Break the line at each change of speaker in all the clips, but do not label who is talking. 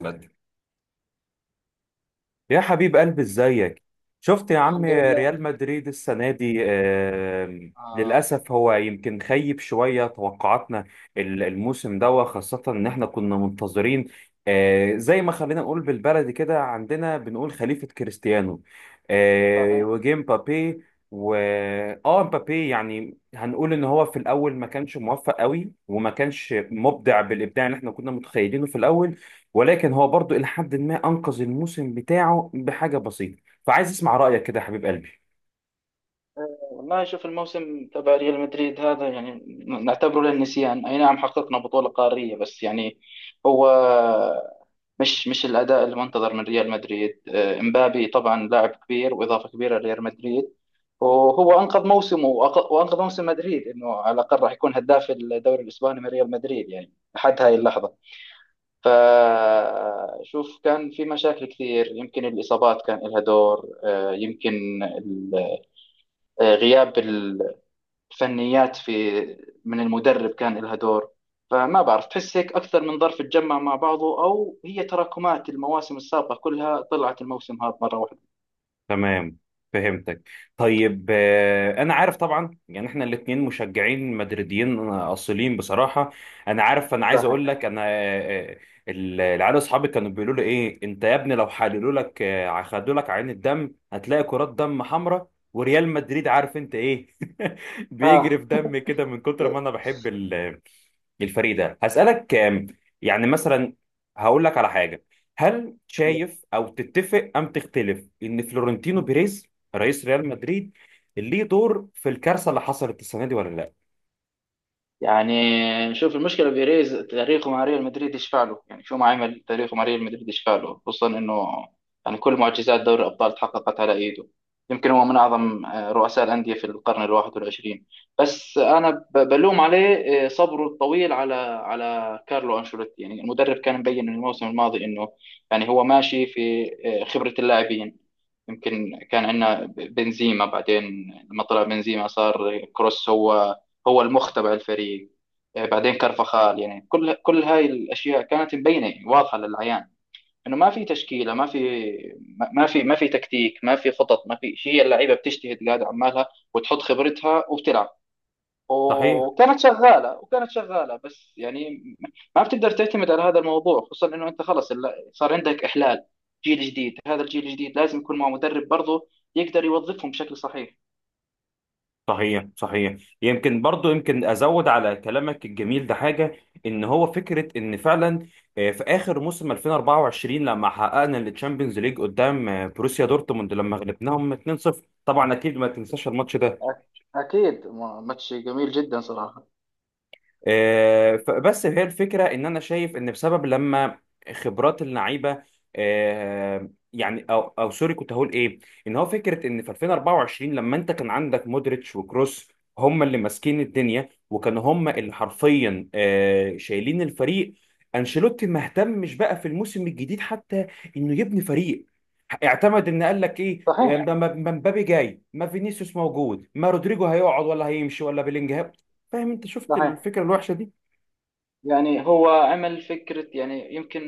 بدري يا حبيب قلبي ازيك؟ شفت يا عم
الحمد لله.
ريال مدريد السنة دي
آه.
للأسف هو يمكن خيب شوية توقعاتنا الموسم ده، خاصة إن إحنا كنا منتظرين. زي ما خلينا نقول بالبلدي كده، عندنا بنقول خليفة كريستيانو
صحيح.
وجه مبابي. و اه مبابي يعني هنقول ان هو في الاول ما كانش موفق قوي وما كانش مبدع بالابداع اللي احنا كنا متخيلينه في الاول، ولكن هو برضو إلى حد ما أنقذ الموسم بتاعه بحاجة بسيطة، فعايز أسمع رأيك كده يا حبيب قلبي.
والله شوف الموسم تبع ريال مدريد هذا يعني نعتبره للنسيان. اي نعم، حققنا بطولة قارية بس يعني هو مش الاداء المنتظر من ريال مدريد. امبابي طبعا لاعب كبير واضافة كبيرة لريال مدريد، وهو انقذ موسمه وانقذ موسم مدريد، انه على الاقل راح يكون هداف الدوري الاسباني من ريال مدريد يعني لحد هاي اللحظة. فشوف، كان في مشاكل كثير، يمكن الإصابات كان لها دور، يمكن غياب الفنيات في من المدرب كان لها دور. فما بعرف، تحس هيك أكثر من ظرف تجمع مع بعضه، أو هي تراكمات المواسم السابقة كلها طلعت الموسم هذا مرة واحدة.
تمام، فهمتك. طيب أنا عارف طبعا يعني إحنا الاتنين مشجعين مدريديين أصيلين بصراحة. أنا عارف، أنا عايز
صحيح.
أقول لك أنا، العيال أصحابي كانوا بيقولوا لي إيه أنت يا ابني؟ لو حللوا لك خدوا لك عين الدم هتلاقي كرات دم حمراء وريال مدريد، عارف أنت إيه؟
آه،
بيجري في دم كده من كتر ما أنا بحب الفريق ده. هسألك يعني مثلا، هقول لك على حاجة. هل شايف أو تتفق أم تختلف إن فلورنتينو بيريز، رئيس ريال مدريد، ليه دور في الكارثة اللي حصلت السنة دي ولا لا؟
يعني شوف المشكله، بيريز تاريخه مع ريال مدريد يشفع له، يعني شو ما عمل تاريخه مع ريال مدريد يشفع له، خصوصا انه يعني كل معجزات دوري الابطال تحققت على ايده. يمكن هو من اعظم رؤساء الانديه في القرن الواحد والعشرين. بس انا بلوم عليه صبره الطويل على على كارلو انشيلوتي. يعني المدرب كان مبين من الموسم الماضي انه يعني هو ماشي في خبره اللاعبين. يمكن كان عندنا بنزيما، بعدين لما طلع بنزيما صار كروس هو المخ تبع الفريق. بعدين كرفخال، يعني كل هاي الاشياء كانت مبينه يعني واضحه للعيان، انه ما في تشكيله، ما في تكتيك، ما في خطط، ما في شيء. هي اللعيبه بتجتهد قاعده عمالها وتحط خبرتها وبتلعب،
صحيح،
وكانت شغاله بس يعني ما بتقدر تعتمد على هذا الموضوع، خصوصا انه انت خلص صار عندك احلال، جيل جديد. هذا الجيل الجديد لازم يكون مع مدرب برضه يقدر يوظفهم بشكل صحيح.
صحيح. صحيح، يمكن برضو يمكن أزود على كلامك الجميل ده حاجة. إن هو فكرة إن فعلا في آخر موسم 2024 لما حققنا التشامبيونز ليج قدام بروسيا دورتموند، لما غلبناهم 2-0، طبعا أكيد ما تنساش الماتش ده.
أكيد، ماتش جميل جدا صراحة.
فبس هي الفكرة إن أنا شايف إن بسبب لما خبرات اللعيبة، يعني أو أو سوري كنت هقول إيه، إن هو فكرة إن في 2024 لما أنت كان عندك مودريتش وكروس، هم اللي ماسكين الدنيا وكانوا هم اللي حرفيا شايلين الفريق. أنشيلوتي ما اهتمش بقى في الموسم الجديد حتى إنه يبني فريق. اعتمد ان قال لك ايه،
صحيح،
ما مبابي جاي، ما فينيسيوس موجود، ما رودريجو هيقعد ولا هيمشي، ولا بيلينجهام. فاهم انت شفت
صحيح.
الفكره الوحشه دي؟
يعني هو عمل فكرة، يعني يمكن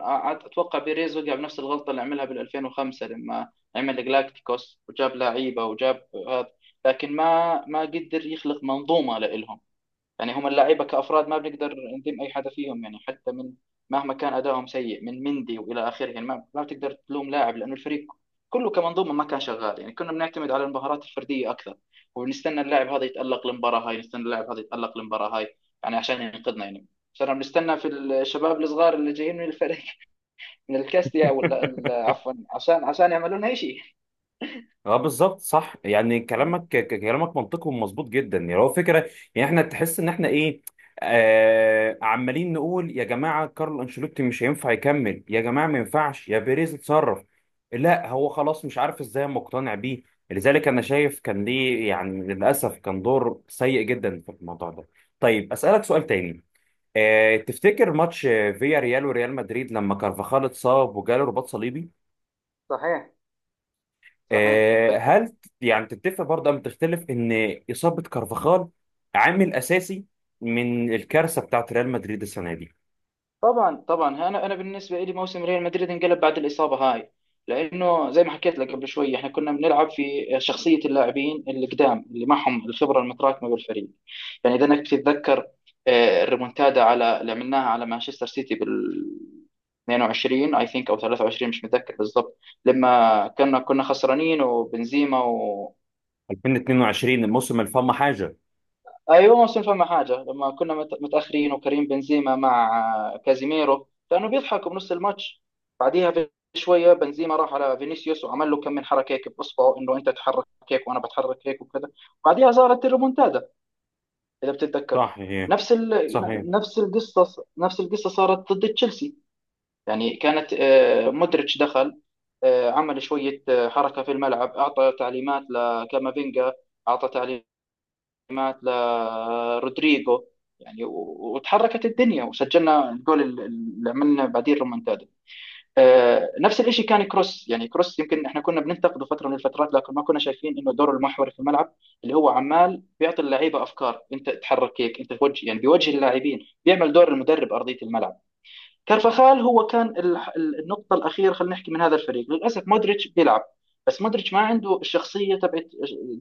أ- أتوقع بيريز وقع بنفس الغلطة اللي عملها بال 2005 لما عمل جلاكتيكوس وجاب لعيبة وجاب هذا، لكن ما قدر يخلق منظومة لإلهم. يعني هم اللعيبه كافراد ما بنقدر نذم اي حدا فيهم، يعني حتى من مهما كان ادائهم سيء، من مندي والى اخره، يعني ما بتقدر تلوم لاعب لانه الفريق كله كمنظومه ما كان شغال. يعني كنا بنعتمد على المهارات الفرديه اكثر، وبنستنى اللاعب هذا يتالق المباراه هاي، نستنى اللاعب هذا يتالق المباراه هاي يعني عشان ينقذنا يعني. صرنا بنستنى في الشباب الصغار اللي جايين من الفريق من الكاستيا ولا عفوا، عشان يعملوا لنا شيء.
اه بالظبط صح، يعني كلامك كلامك منطقي ومظبوط جدا، يعني هو فكره. يعني احنا تحس ان احنا ايه، آه عمالين نقول يا جماعه كارل انشيلوتي مش هينفع يكمل، يا جماعه ما ينفعش يا بيريز اتصرف، لا هو خلاص مش عارف ازاي مقتنع بيه. لذلك انا شايف كان ليه يعني للاسف كان دور سيء جدا في الموضوع ده. طيب اسالك سؤال تاني. آه تفتكر ماتش فيا ريال وريال مدريد لما كارفاخال اتصاب وجاله رباط صليبي،
صحيح. صحيح،
آه،
متذكر.
هل ت- يعني تتفق برضه أم تختلف إن إصابة كارفاخال عامل أساسي من الكارثة بتاعت ريال مدريد السنة دي؟
طبعا طبعا، انا بالنسبه لي موسم ريال مدريد انقلب بعد الاصابه هاي، لانه زي ما حكيت لك قبل شوي احنا كنا بنلعب في شخصيه اللاعبين القدام اللي معهم الخبره المتراكمه بالفريق. يعني اذا انك تتذكر الريمونتادا على اللي عملناها على مانشستر سيتي بال 22 اي ثينك او 23، مش متذكر بالضبط، لما كنا خسرانين وبنزيما.
2022 الموسم الفم حاجة.
ايوه ما صنفع مع حاجه، لما كنا متاخرين، وكريم بنزيما مع كازيميرو كانوا بيضحكوا بنص الماتش. بعديها بشويه بنزيما راح على فينيسيوس وعمل له كم من حركه هيك باصبعه، انه انت تحرك هيك وانا بتحرك هيك وكذا. بعديها صارت الريمونتادا اذا بتتذكر.
صحيح،
نفس ال...
صحيح،
نفس القصه، نفس القصه صارت ضد تشيلسي. يعني كانت مودريتش دخل، عمل شويه حركه في الملعب، اعطى تعليمات لكامافينجا، اعطى تعليمات مات لرودريجو، يعني وتحركت الدنيا وسجلنا الجول اللي عملنا، بعدين رومنتادا. نفس الشيء كان كروس، يعني كروس يمكن احنا كنا بننتقده فتره من الفترات، لكن ما كنا شايفين انه دوره المحوري في الملعب، اللي هو عمال بيعطي اللعيبه افكار، انت تحرك هيك، انت توجه، يعني بيوجه اللاعبين، بيعمل دور المدرب ارضيه الملعب. كارفاخال هو كان النقطة الأخيرة خلينا نحكي من هذا الفريق. للأسف مودريتش بيلعب بس مودريتش ما عنده الشخصية تبعت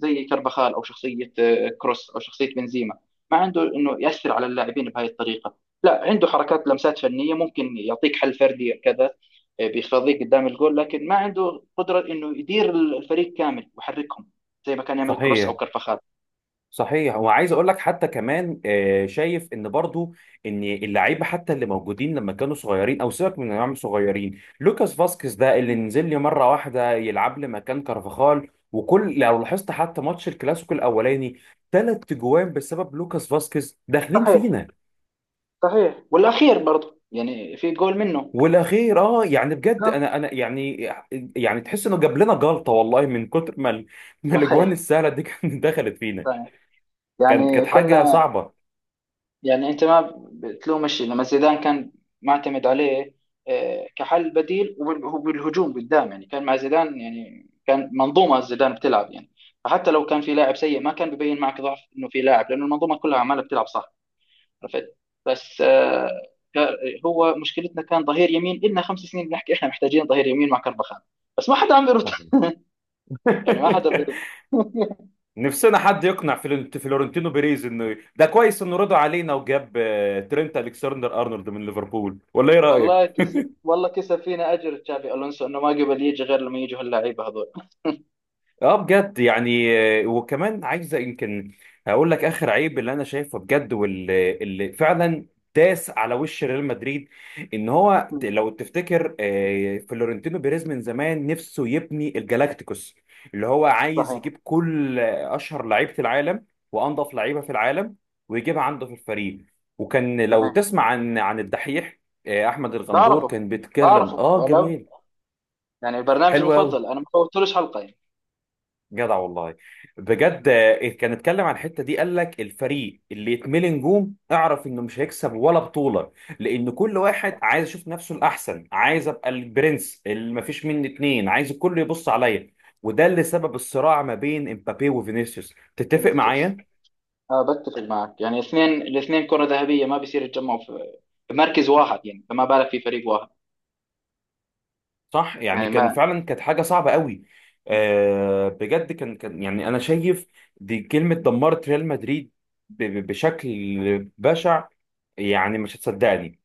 زي كارفاخال، أو شخصية كروس، أو شخصية بنزيما. ما عنده إنه يأثر على اللاعبين بهاي الطريقة، لا عنده حركات لمسات فنية ممكن يعطيك حل فردي كذا، بيخفضيك قدام الجول، لكن ما عنده قدرة إنه يدير الفريق كامل ويحركهم زي ما كان يعمل كروس أو
صحيح.
كارفاخال.
صحيح، وعايز اقول لك حتى كمان شايف ان برضو ان اللعيبه حتى اللي موجودين لما كانوا صغيرين، او سيبك من انهم صغيرين، لوكاس فاسكيز ده اللي نزل لي مره واحده يلعب لي مكان كارفاخال، وكل لو لاحظت حتى ماتش الكلاسيكو الاولاني ثلاث جوان بسبب لوكاس فاسكيز داخلين
صحيح.
فينا.
صحيح، والأخير برضه يعني في جول منه.
والاخير اه، يعني بجد
نعم.
انا يعني، يعني تحس انه جاب لنا جلطه والله، من كتر ما ما الاجوان
صحيح.
السهله دي كانت دخلت فينا.
صحيح،
كانت
يعني
كانت حاجه
كنا
صعبه.
يعني انت ما بتلومش لما زيدان كان معتمد عليه كحل بديل وبالهجوم قدام. يعني كان مع زيدان يعني كان منظومه زيدان بتلعب، يعني فحتى لو كان في لاعب سيء ما كان ببين معك ضعف انه في لاعب، لانه المنظومه كلها عماله بتلعب صح. عرفت؟ بس كا- هو مشكلتنا كان ظهير يمين، إلنا خمس سنين بنحكي احنا محتاجين ظهير يمين مع كربخان، بس ما حدا عم بيرد يعني ما حدا بيرد.
نفسنا حد يقنع فلورنتينو بيريز انه ده كويس انه رضى علينا وجاب ترينت الكسندر ارنولد من ليفربول، ولا ايه رايك؟
والله كسب، والله كسب فينا اجر تشافي الونسو انه ما قبل يجي غير لما يجوا هاللعيبه هذول.
اه بجد يعني وكمان عايزه يمكن هقول لك اخر عيب اللي انا شايفه بجد واللي فعلا داس على وش ريال مدريد، ان هو لو تفتكر فلورنتينو بيريز من زمان نفسه يبني الجالاكتيكوس، اللي هو عايز
صحيح.
يجيب كل اشهر لعيبه العالم وانضف لعيبه في العالم ويجيبها عنده في الفريق. وكان لو
صحيح،
تسمع عن الدحيح احمد الغندور
بعرفه،
كان بيتكلم
بعرفه.
اه
ولا
جميل.
يعني برنامجي
حلو قوي.
المفضل، انا ما فوتلوش حلقه يعني.
جدع والله. بجد
مم.
آه، إيه، كان اتكلم عن الحته دي، قال لك الفريق اللي يتملي نجوم اعرف انه مش هيكسب ولا بطوله، لان كل واحد عايز يشوف نفسه الاحسن، عايز ابقى البرنس اللي مفيش مني اتنين، عايز الكل يبص عليا. وده اللي سبب الصراع ما بين امبابي وفينيسيوس،
فيلم
تتفق
السياسي.
معايا؟
آه، بتفق معك. يعني الاثنين، الاثنين كره ذهبيه ما بيصير يتجمعوا في في مركز واحد يعني، فما بالك في فريق واحد.
صح، يعني
يعني
كان
ما
فعلا كانت حاجه صعبه قوي. أه بجد كان يعني انا شايف دي كلمه دمرت ريال مدريد بشكل بشع، يعني مش هتصدقني.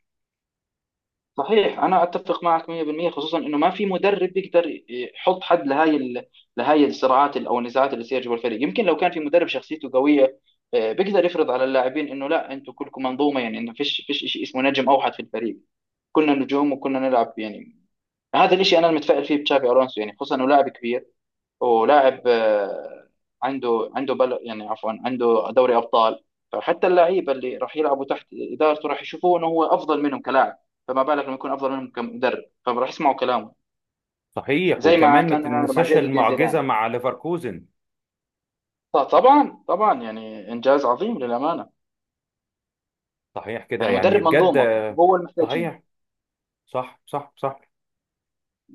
صحيح، انا اتفق معك 100% خصوصا انه ما في مدرب يقدر يحط حد لهاي الصراعات او النزاعات اللي تصير جوا الفريق. يمكن لو كان في مدرب شخصيته قويه، بيقدر يفرض على اللاعبين انه لا، انتم كلكم منظومه، يعني انه فيش شيء اسمه نجم اوحد في الفريق. كنا نجوم وكنا نلعب يعني. هذا الشيء انا المتفائل فيه بتشافي الونسو، يعني خصوصا انه لاعب كبير ولاعب عنده عنده بل يعني عفوا، عنده دوري ابطال. فحتى اللعيبه اللي راح يلعبوا تحت ادارته راح يشوفوه انه هو افضل منهم كلاعب، فما بالك لما يكون افضل منهم كمدرب، فراح يسمعوا كلامه
صحيح،
زي ما
وكمان ما
كان عمله مع
تنساش
زين الدين
المعجزة
زيدان.
مع ليفركوزن.
طبعا طبعا، يعني انجاز عظيم للامانه.
صحيح كده،
يعني
يعني
مدرب
بجد
منظومه
آه،
وهو اللي محتاجينه.
صحيح، صح صح صح.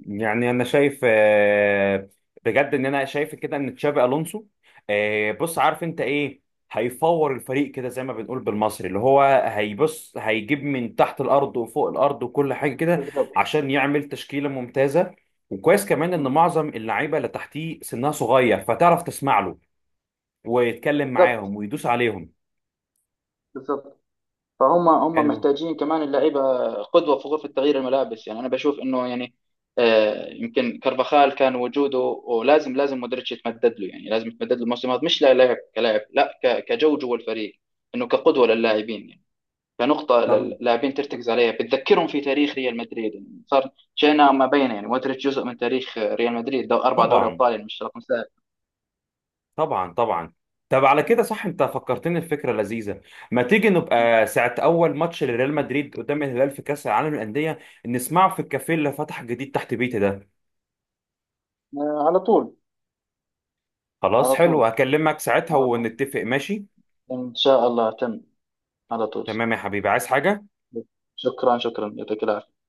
يعني انا شايف بجد ان انا شايف كده ان تشابي الونسو بص عارف انت ايه، هيفور الفريق كده زي ما بنقول بالمصري، اللي هو هيبص هيجيب من تحت الارض وفوق الارض وكل حاجة كده
بالضبط.
عشان يعمل تشكيلة ممتازة. وكويس كمان ان معظم اللعيبة اللي تحتيه سنها صغير، فتعرف تسمع له ويتكلم
بالضبط.
معاهم ويدوس عليهم.
بالضبط، فهم هم
حلو.
محتاجين كمان اللعيبه قدوه في غرفه تغيير الملابس. يعني انا بشوف انه يعني يمكن كارفاخال كان وجوده، ولازم لازم مودريتش يتمدد له، يعني لازم يتمدد له الموسم هذا مش لاعب كلاعب، لا كجو جوا الفريق، انه كقدوه للاعبين يعني، كنقطه
طب
للاعبين ترتكز عليها، بتذكرهم في تاريخ ريال مدريد. يعني صار شئنا ما بينا يعني مودريتش جزء من تاريخ ريال مدريد، دو اربع دوري
طبعا،
ابطال يعني مش رقم سهل.
طبعا طبعا. طب على كده صح، انت فكرتني الفكره لذيذه. ما تيجي نبقى ساعه اول ماتش لريال مدريد قدام الهلال في كاس العالم للانديه نسمعه في الكافيه اللي فتح جديد تحت بيتي ده؟
على طول.
خلاص
على طول.
حلو، هكلمك ساعتها
على طول.
ونتفق ماشي.
ان شاء الله تم. على طول.
تمام يا حبيبي، عايز حاجه؟
شكرا شكرا، يعطيك العافية.